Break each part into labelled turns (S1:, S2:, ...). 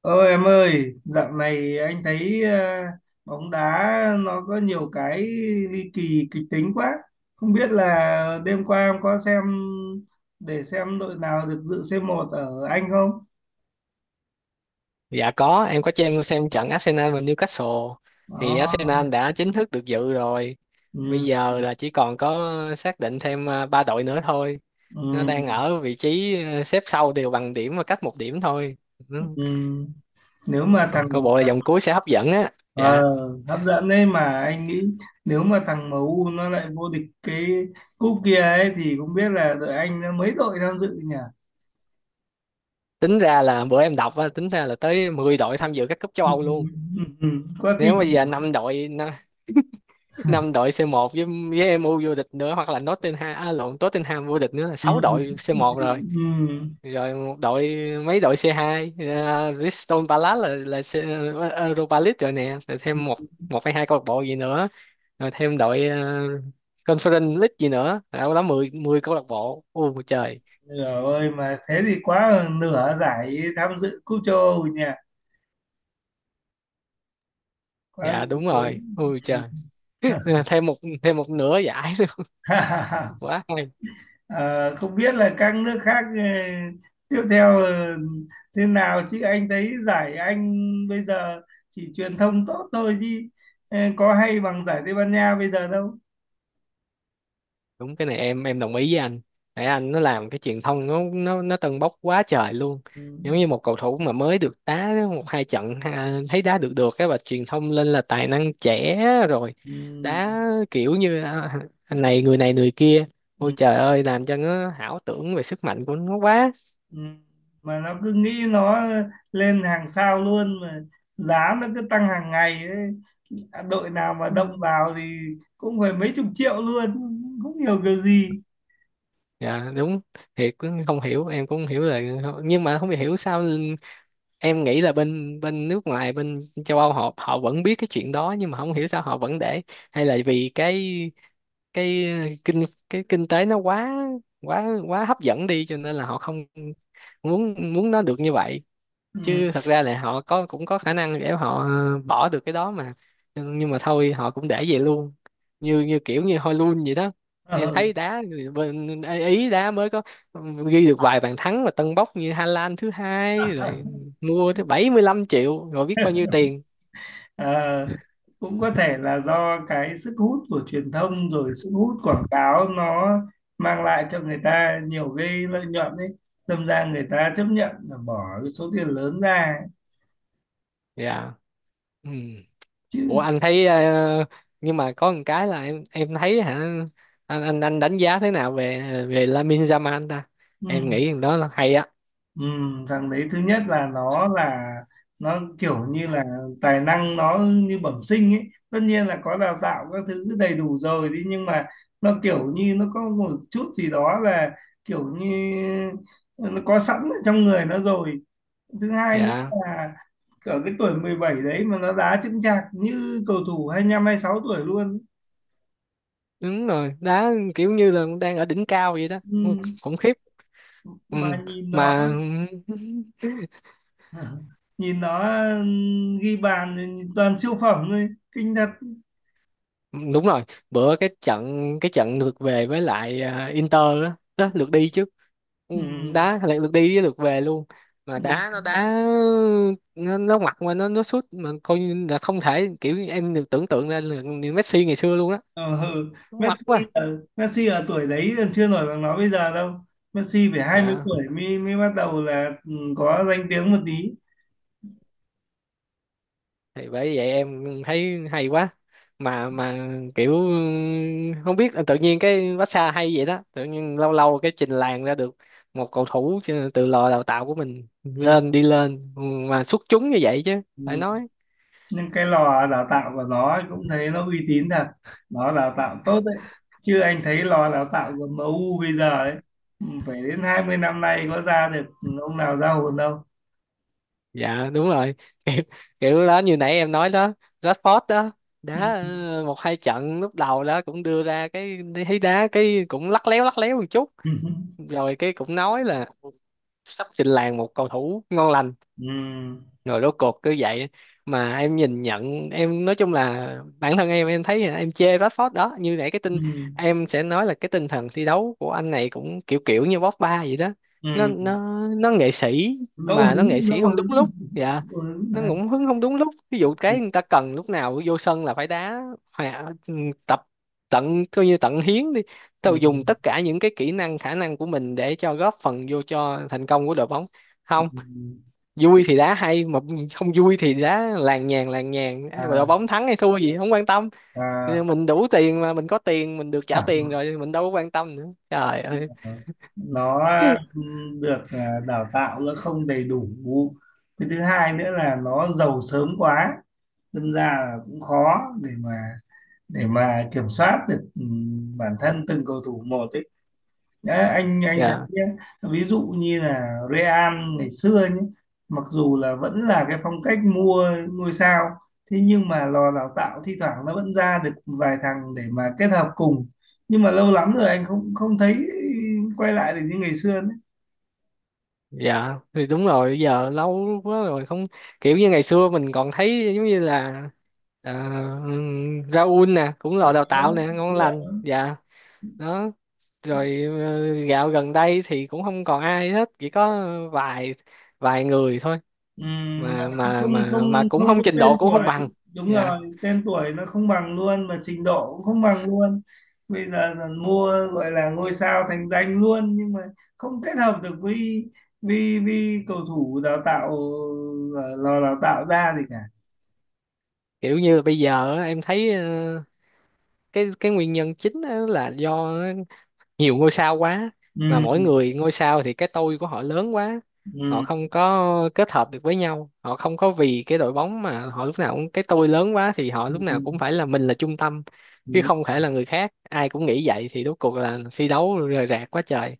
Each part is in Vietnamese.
S1: Ơ em ơi, dạo này anh thấy bóng đá nó có nhiều cái ly kỳ kịch tính quá. Không biết là đêm qua em có xem để xem đội nào được dự c một ở Anh không?
S2: Dạ có, em có cho em xem trận Arsenal và Newcastle thì
S1: Đó.
S2: Arsenal đã chính thức được dự rồi. Bây
S1: Ừ,
S2: giờ là chỉ còn có xác định thêm ba đội nữa thôi. Nó đang
S1: ừ,
S2: ở vị trí xếp sau đều bằng điểm và cách một điểm thôi. Ừ,
S1: ừ. Nếu mà thằng
S2: Câu bộ là vòng cuối sẽ hấp dẫn á. Dạ.
S1: ờ, Hấp dẫn đấy mà anh nghĩ nếu mà thằng em u nó lại vô địch cái cúp kia ấy thì cũng biết là đội Anh nó mấy đội tham dự nhỉ?
S2: Tính ra là bữa em đọc á, tính ra là tới 10 đội tham dự các cúp châu
S1: Ừ,
S2: Âu luôn.
S1: ừ, ừ, quá kinh.
S2: Nếu bây giờ 5 đội C1 với MU vô địch nữa, hoặc là Nottingham à, lộn Tottenham vô địch nữa là
S1: Ừ,
S2: 6 đội
S1: ừ,
S2: C1, rồi
S1: ừ.
S2: một đội, mấy đội C2, Crystal Palace là Europa League rồi nè, rồi thêm một một hay hai câu lạc bộ gì nữa, rồi thêm đội Conference League gì nữa, đâu đó 10 10 câu lạc bộ. Ôi trời,
S1: Nửa ơi mà thế thì quá hơn nửa giải tham dự cúp châu Âu nhỉ quá
S2: dạ
S1: đúng.
S2: đúng rồi, ôi
S1: Ừ.
S2: trời. thêm một thêm một nửa giải nữa, quá hay.
S1: Ờ, Không biết là các nước khác tiếp theo thế nào chứ anh thấy giải Anh bây giờ chỉ truyền thông tốt thôi chứ có hay bằng giải Tây Ban Nha bây giờ đâu
S2: Đúng, cái này em đồng ý với anh. Nãy anh nó làm cái truyền thông, nó tâng bốc quá trời luôn.
S1: ừ.
S2: Giống như một cầu thủ mà mới được đá một hai trận ha, thấy đá được được cái và truyền thông lên là tài năng trẻ, rồi
S1: Ừ.
S2: đá kiểu như à, anh này, người này, người kia. Ôi
S1: ừ.
S2: trời ơi, làm cho nó ảo tưởng về sức mạnh của nó quá.
S1: Ừ. Mà nó cứ nghĩ nó lên hàng sao luôn mà giá nó cứ tăng hàng ngày ấy. Đội nào mà
S2: Ừ.
S1: động vào thì cũng phải mấy chục triệu luôn cũng hiểu kiểu gì
S2: Dạ đúng, thiệt cũng không hiểu, em cũng không hiểu là, nhưng mà không hiểu sao em nghĩ là bên bên nước ngoài, bên châu Âu, họ họ vẫn biết cái chuyện đó, nhưng mà không hiểu sao họ vẫn để. Hay là vì cái, cái kinh cái kinh tế nó quá quá quá hấp dẫn đi, cho nên là họ không muốn muốn nó được như vậy. Chứ
S1: ừ.
S2: thật ra là họ có, cũng có khả năng để họ bỏ được cái đó mà, nhưng mà thôi, họ cũng để vậy luôn. Như như kiểu như Hojlund vậy đó, em
S1: Ờ.
S2: thấy đá người bên Ý, đá mới có, ừ, ghi được vài bàn thắng mà tâng bốc như Hà Lan thứ hai rồi, mua tới 75 triệu, rồi biết bao nhiêu tiền.
S1: Ờ. Cũng có thể là do cái sức hút của truyền thông rồi sức hút quảng cáo nó mang lại cho người ta nhiều cái lợi nhuận ấy đâm ra người ta chấp nhận là bỏ cái số tiền lớn ra
S2: Dạ. Ừ. Ủa
S1: chứ
S2: anh thấy, ờ, nhưng mà có một cái là em thấy hả, anh đánh giá thế nào về về Lamine Yamal ta?
S1: ừ.
S2: Em nghĩ thằng đó là hay á.
S1: Ừ, thằng đấy thứ nhất là nó kiểu như là tài năng nó như bẩm sinh ấy, tất nhiên là có đào tạo các thứ đầy đủ rồi đi nhưng mà nó kiểu như nó có một chút gì đó là kiểu như nó có sẵn ở trong người nó rồi. Thứ hai nữa
S2: Dạ
S1: là ở cái tuổi 17 đấy mà nó đá chững chạc như cầu thủ 25 26 tuổi luôn.
S2: đúng rồi, đá kiểu như là đang ở đỉnh cao vậy đó. Ừ,
S1: ừ,
S2: khủng khiếp. Ừ.
S1: mà nhìn nó
S2: Mà
S1: nhìn nó ghi bàn thì toàn siêu phẩm thôi kinh thật.
S2: đúng rồi. Bữa cái trận, cái trận lượt về với lại Inter, đó, đó lượt đi chứ. Ừ,
S1: Ừ.
S2: đá lại lượt đi với lượt về luôn. Mà
S1: Ừ.
S2: đá, nó ngoặt mà nó sút mà coi như là không thể, kiểu em được tưởng tượng ra là Messi ngày xưa luôn á.
S1: Ờ, ừ.
S2: Nó ngoặt
S1: Messi
S2: quá.
S1: Messi ở tuổi đấy là chưa nổi bằng nó bây giờ đâu. Messi phải 20
S2: Dạ.
S1: tuổi mới mới bắt đầu là có danh tiếng một tí.
S2: Thì bởi vậy em thấy hay quá. Mà kiểu Không biết tự nhiên cái massage hay vậy đó, tự nhiên lâu lâu cái trình làng ra được một cầu thủ chứ, từ lò đào tạo của mình
S1: Ừ.
S2: lên, đi lên mà xuất chúng như vậy, chứ
S1: Ừ.
S2: phải nói.
S1: Nhưng cái lò đào tạo của nó ấy cũng thấy nó uy tín thật. Nó đào tạo tốt đấy. Chứ anh thấy lò đào tạo của MU bây giờ ấy phải đến 20 năm nay có ra được ông nào ra hồn đâu.
S2: Dạ đúng rồi. kiểu, kiểu đó như nãy em nói đó, Rashford đó, đá
S1: Ừ.
S2: một hai trận lúc đầu đó, cũng đưa ra cái, thấy đá cái cũng lắc léo một chút, rồi cái cũng nói là sắp trình làng một cầu thủ ngon lành,
S1: Ừ.
S2: rồi rốt cuộc cứ vậy. Mà em nhìn nhận, em nói chung là bản thân em thấy là em chê Rashford đó. Như nãy cái tinh,
S1: Ừ.
S2: em sẽ nói là cái tinh thần thi đấu của anh này cũng kiểu kiểu như Pogba vậy đó.
S1: Ừ.
S2: nó
S1: Ừ.
S2: nó nó nghệ sĩ,
S1: Ngẫu
S2: mà nó
S1: hứng,
S2: nghệ sĩ
S1: ngẫu
S2: không
S1: hứng.
S2: đúng lúc. Dạ.
S1: Ngẫu hứng.
S2: Nó cũng hứng không đúng lúc, ví dụ
S1: Ừ.
S2: cái người ta cần, lúc nào vô sân là phải đá, ừ, tập tận, coi như tận hiến đi, tao dùng
S1: Ừ.
S2: tất cả những cái kỹ năng, khả năng của mình để cho góp phần vô cho thành công của đội bóng. Không, vui thì đá hay, mà không vui thì đá làng nhàng, ai mà
S1: à,
S2: đội bóng thắng hay thua gì không quan tâm.
S1: và
S2: Mình đủ tiền mà, mình có tiền, mình được trả
S1: à,
S2: tiền rồi, mình đâu có quan tâm nữa, trời ơi.
S1: nó được đào tạo nó không đầy đủ. Cái thứ hai nữa là nó giàu sớm quá đâm ra là cũng khó để mà kiểm soát được bản thân từng cầu thủ một ấy. Đấy, anh thấy
S2: Dạ.
S1: nhé, ví dụ như là Real ngày xưa nhé, mặc dù là vẫn là cái phong cách mua ngôi sao, thế nhưng mà lò đào tạo thi thoảng nó vẫn ra được vài thằng để mà kết hợp cùng. Nhưng mà lâu lắm rồi anh không không thấy quay lại được như ngày xưa nữa.
S2: Dạ thì đúng rồi, giờ lâu quá rồi không. Kiểu như ngày xưa mình còn thấy giống như là, ờ, Raul nè, cũng
S1: À,
S2: là đào tạo nè, ngon
S1: đúng rồi.
S2: lành. Dạ đó. Rồi gạo gần đây thì cũng không còn ai hết, chỉ có vài vài người thôi,
S1: Ừm,
S2: mà
S1: không không
S2: cũng
S1: không
S2: không,
S1: có
S2: trình
S1: tên
S2: độ cũng không
S1: tuổi,
S2: bằng.
S1: đúng
S2: Dạ.
S1: rồi tên tuổi nó không bằng luôn mà trình độ cũng không bằng luôn. Bây giờ là mua gọi là ngôi sao thành danh luôn nhưng mà không kết hợp được với cầu thủ đào tạo, lò đào tạo ra gì cả.
S2: Kiểu như là bây giờ á, em thấy, ờ, cái nguyên nhân chính á là do nhiều ngôi sao quá. Mà mỗi
S1: Ừ,
S2: người ngôi sao thì cái tôi của họ lớn quá, họ
S1: ừ,
S2: không có kết hợp được với nhau, họ không có vì cái đội bóng, mà họ lúc nào cũng cái tôi lớn quá thì họ lúc nào
S1: ừ,
S2: cũng phải là mình là trung tâm, chứ
S1: ừ,
S2: không thể là người khác. Ai cũng nghĩ vậy thì rốt cuộc là thi đấu rời rạc quá trời.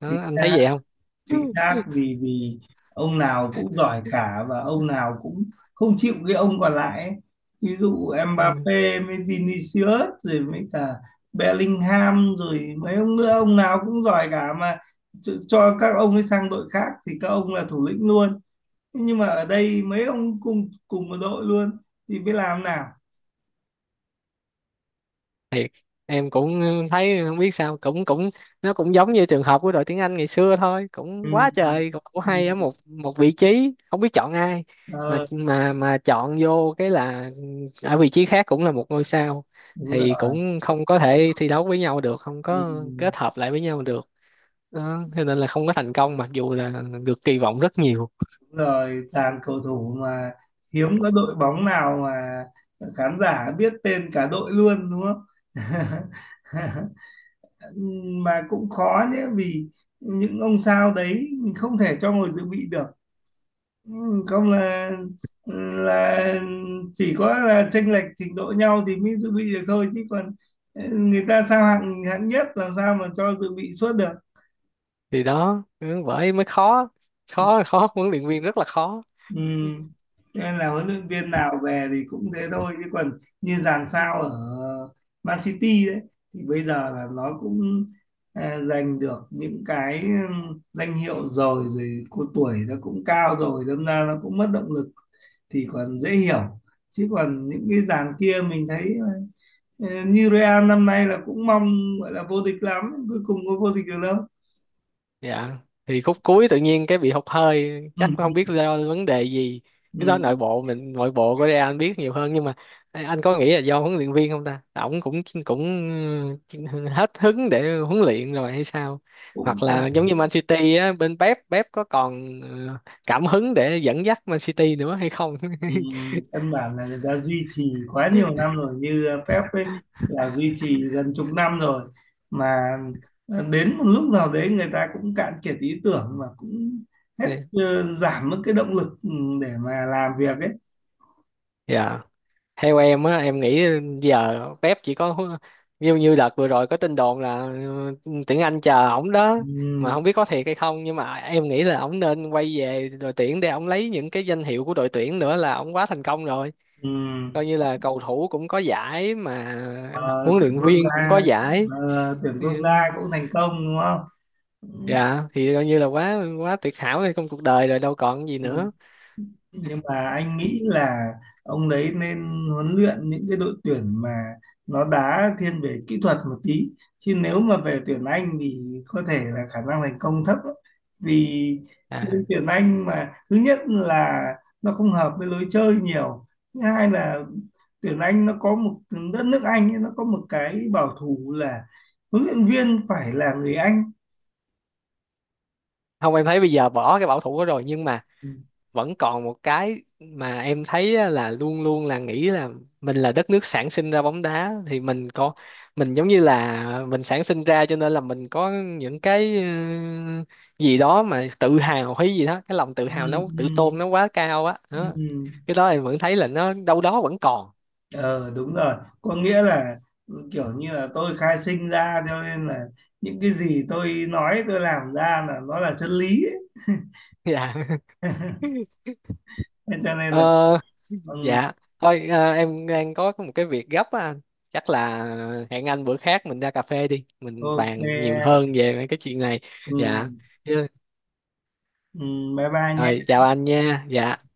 S2: Đó,
S1: chính
S2: anh thấy
S1: xác
S2: vậy không?
S1: chính xác vì vì ông nào cũng giỏi cả và ông nào cũng không chịu cái ông còn lại ấy. Ví dụ
S2: Ừ.
S1: Mbappé mới Vinicius rồi mới cả Bellingham rồi mấy ông nữa ông nào cũng giỏi cả mà cho các ông ấy sang đội khác thì các ông là thủ lĩnh luôn. Thế nhưng mà ở đây mấy ông cùng cùng một đội luôn thì biết làm nào.
S2: Thiệt em cũng thấy không biết sao, cũng cũng, nó cũng giống như trường hợp của đội tiếng Anh ngày xưa thôi, cũng
S1: Ừ.
S2: quá trời cầu thủ
S1: Ừ.
S2: hay ở một một vị trí không biết chọn ai. Mà
S1: Ờ,
S2: chọn vô cái là ở vị trí khác cũng là một ngôi sao
S1: đúng rồi
S2: thì cũng không có thể thi đấu với nhau được, không có
S1: ừ.
S2: kết hợp lại với nhau được. Đó. Cho nên là không có thành công, mặc dù là được kỳ vọng rất nhiều.
S1: Đúng rồi, dàn cầu thủ mà hiếm có đội bóng nào mà khán giả biết tên cả đội luôn đúng không. Mà cũng khó nhé vì những ông sao đấy mình không thể cho ngồi dự bị được. Ừ, không là chỉ có là chênh lệch trình độ nhau thì mới dự bị được thôi chứ còn người ta sao hạng hạng nhất làm sao mà cho dự bị suốt được.
S2: Thì đó. Ừ, bởi mới khó, khó huấn luyện viên rất là khó.
S1: Ừ. Cho nên là huấn luyện viên nào về thì cũng thế thôi chứ còn như dàn sao ở Man City đấy thì bây giờ là nó cũng giành được những cái danh hiệu rồi rồi cô tuổi nó cũng cao rồi đâm ra nó cũng mất động lực thì còn dễ hiểu, chứ còn những cái dàn kia mình thấy như Real năm nay là cũng mong gọi là vô địch lắm cuối cùng có vô địch được đâu.
S2: Dạ thì khúc cuối tự nhiên cái bị hụt hơi, chắc không biết
S1: Ừ.
S2: do vấn đề gì. Cái đó
S1: Ừ.
S2: nội bộ, mình nội bộ của Real anh biết nhiều hơn, nhưng mà anh có nghĩ là do huấn luyện viên không ta, ổng cũng cũng hết hứng để huấn luyện rồi hay sao?
S1: Cũng
S2: Hoặc là giống như Man City á, bên Pep, có còn, ờ, cảm hứng để dẫn dắt Man City nữa hay không?
S1: Ừ, căn bản là người ta duy trì quá nhiều năm rồi như Pep ấy là duy trì gần chục năm rồi, mà đến một lúc nào đấy người ta cũng cạn kiệt ý tưởng và cũng hết, giảm mất cái động lực để mà làm việc ấy
S2: Dạ, theo em á, em nghĩ giờ Pep chỉ có, như như đợt vừa rồi có tin đồn là, ừ, tuyển Anh chờ ổng đó.
S1: ừ,
S2: Mà không biết có thiệt hay không, nhưng mà em nghĩ là ổng nên quay về đội tuyển để ổng lấy những cái danh hiệu của đội tuyển nữa, là ổng quá thành công rồi.
S1: ừ.
S2: Coi như là cầu thủ cũng có giải mà
S1: Ờ,
S2: huấn
S1: tuyển
S2: luyện
S1: quốc
S2: viên cũng có
S1: gia
S2: giải.
S1: Tuyển
S2: Ừ.
S1: quốc gia cũng thành công đúng không ừ.
S2: Dạ thì coi như là quá quá tuyệt hảo trong cuộc đời rồi, đâu còn gì
S1: ừ.
S2: nữa.
S1: Nhưng mà anh nghĩ là ông đấy nên huấn luyện những cái đội tuyển mà nó đá thiên về kỹ thuật một tí chứ nếu mà về tuyển Anh thì có thể là khả năng thành công thấp lắm. Vì
S2: À
S1: những tuyển Anh mà thứ nhất là nó không hợp với lối chơi nhiều, thứ hai là tuyển Anh nó có một đất nước Anh ấy, nó có một cái bảo thủ là huấn luyện viên phải là người Anh
S2: không, em thấy bây giờ bỏ cái bảo thủ đó rồi, nhưng mà
S1: ừ,
S2: vẫn còn một cái mà em thấy á, là luôn luôn là nghĩ là mình là đất nước sản sinh ra bóng đá, thì mình có, mình giống như là mình sản sinh ra cho nên là mình có những cái, ừ, gì đó mà tự hào, hay gì đó, cái lòng tự
S1: ừ,
S2: hào, nó tự tôn nó quá cao á
S1: ừ.
S2: đó.
S1: ừ.
S2: Cái đó em vẫn thấy là nó đâu đó vẫn còn.
S1: Ờ đúng rồi, có nghĩa là kiểu như là tôi khai sinh ra cho nên là những cái gì tôi nói tôi làm ra là nó là chân lý ấy.
S2: Dạ.
S1: Thế cho nên
S2: Ờ.
S1: là ừ,
S2: Dạ, thôi em đang có một cái việc gấp á anh. Chắc là hẹn anh bữa khác mình ra cà phê đi, mình
S1: ok
S2: bàn nhiều
S1: em
S2: hơn về mấy cái chuyện này.
S1: ừ,
S2: Dạ. Dạ.
S1: ừ, bye bye nhé
S2: Rồi, chào anh nha. Dạ.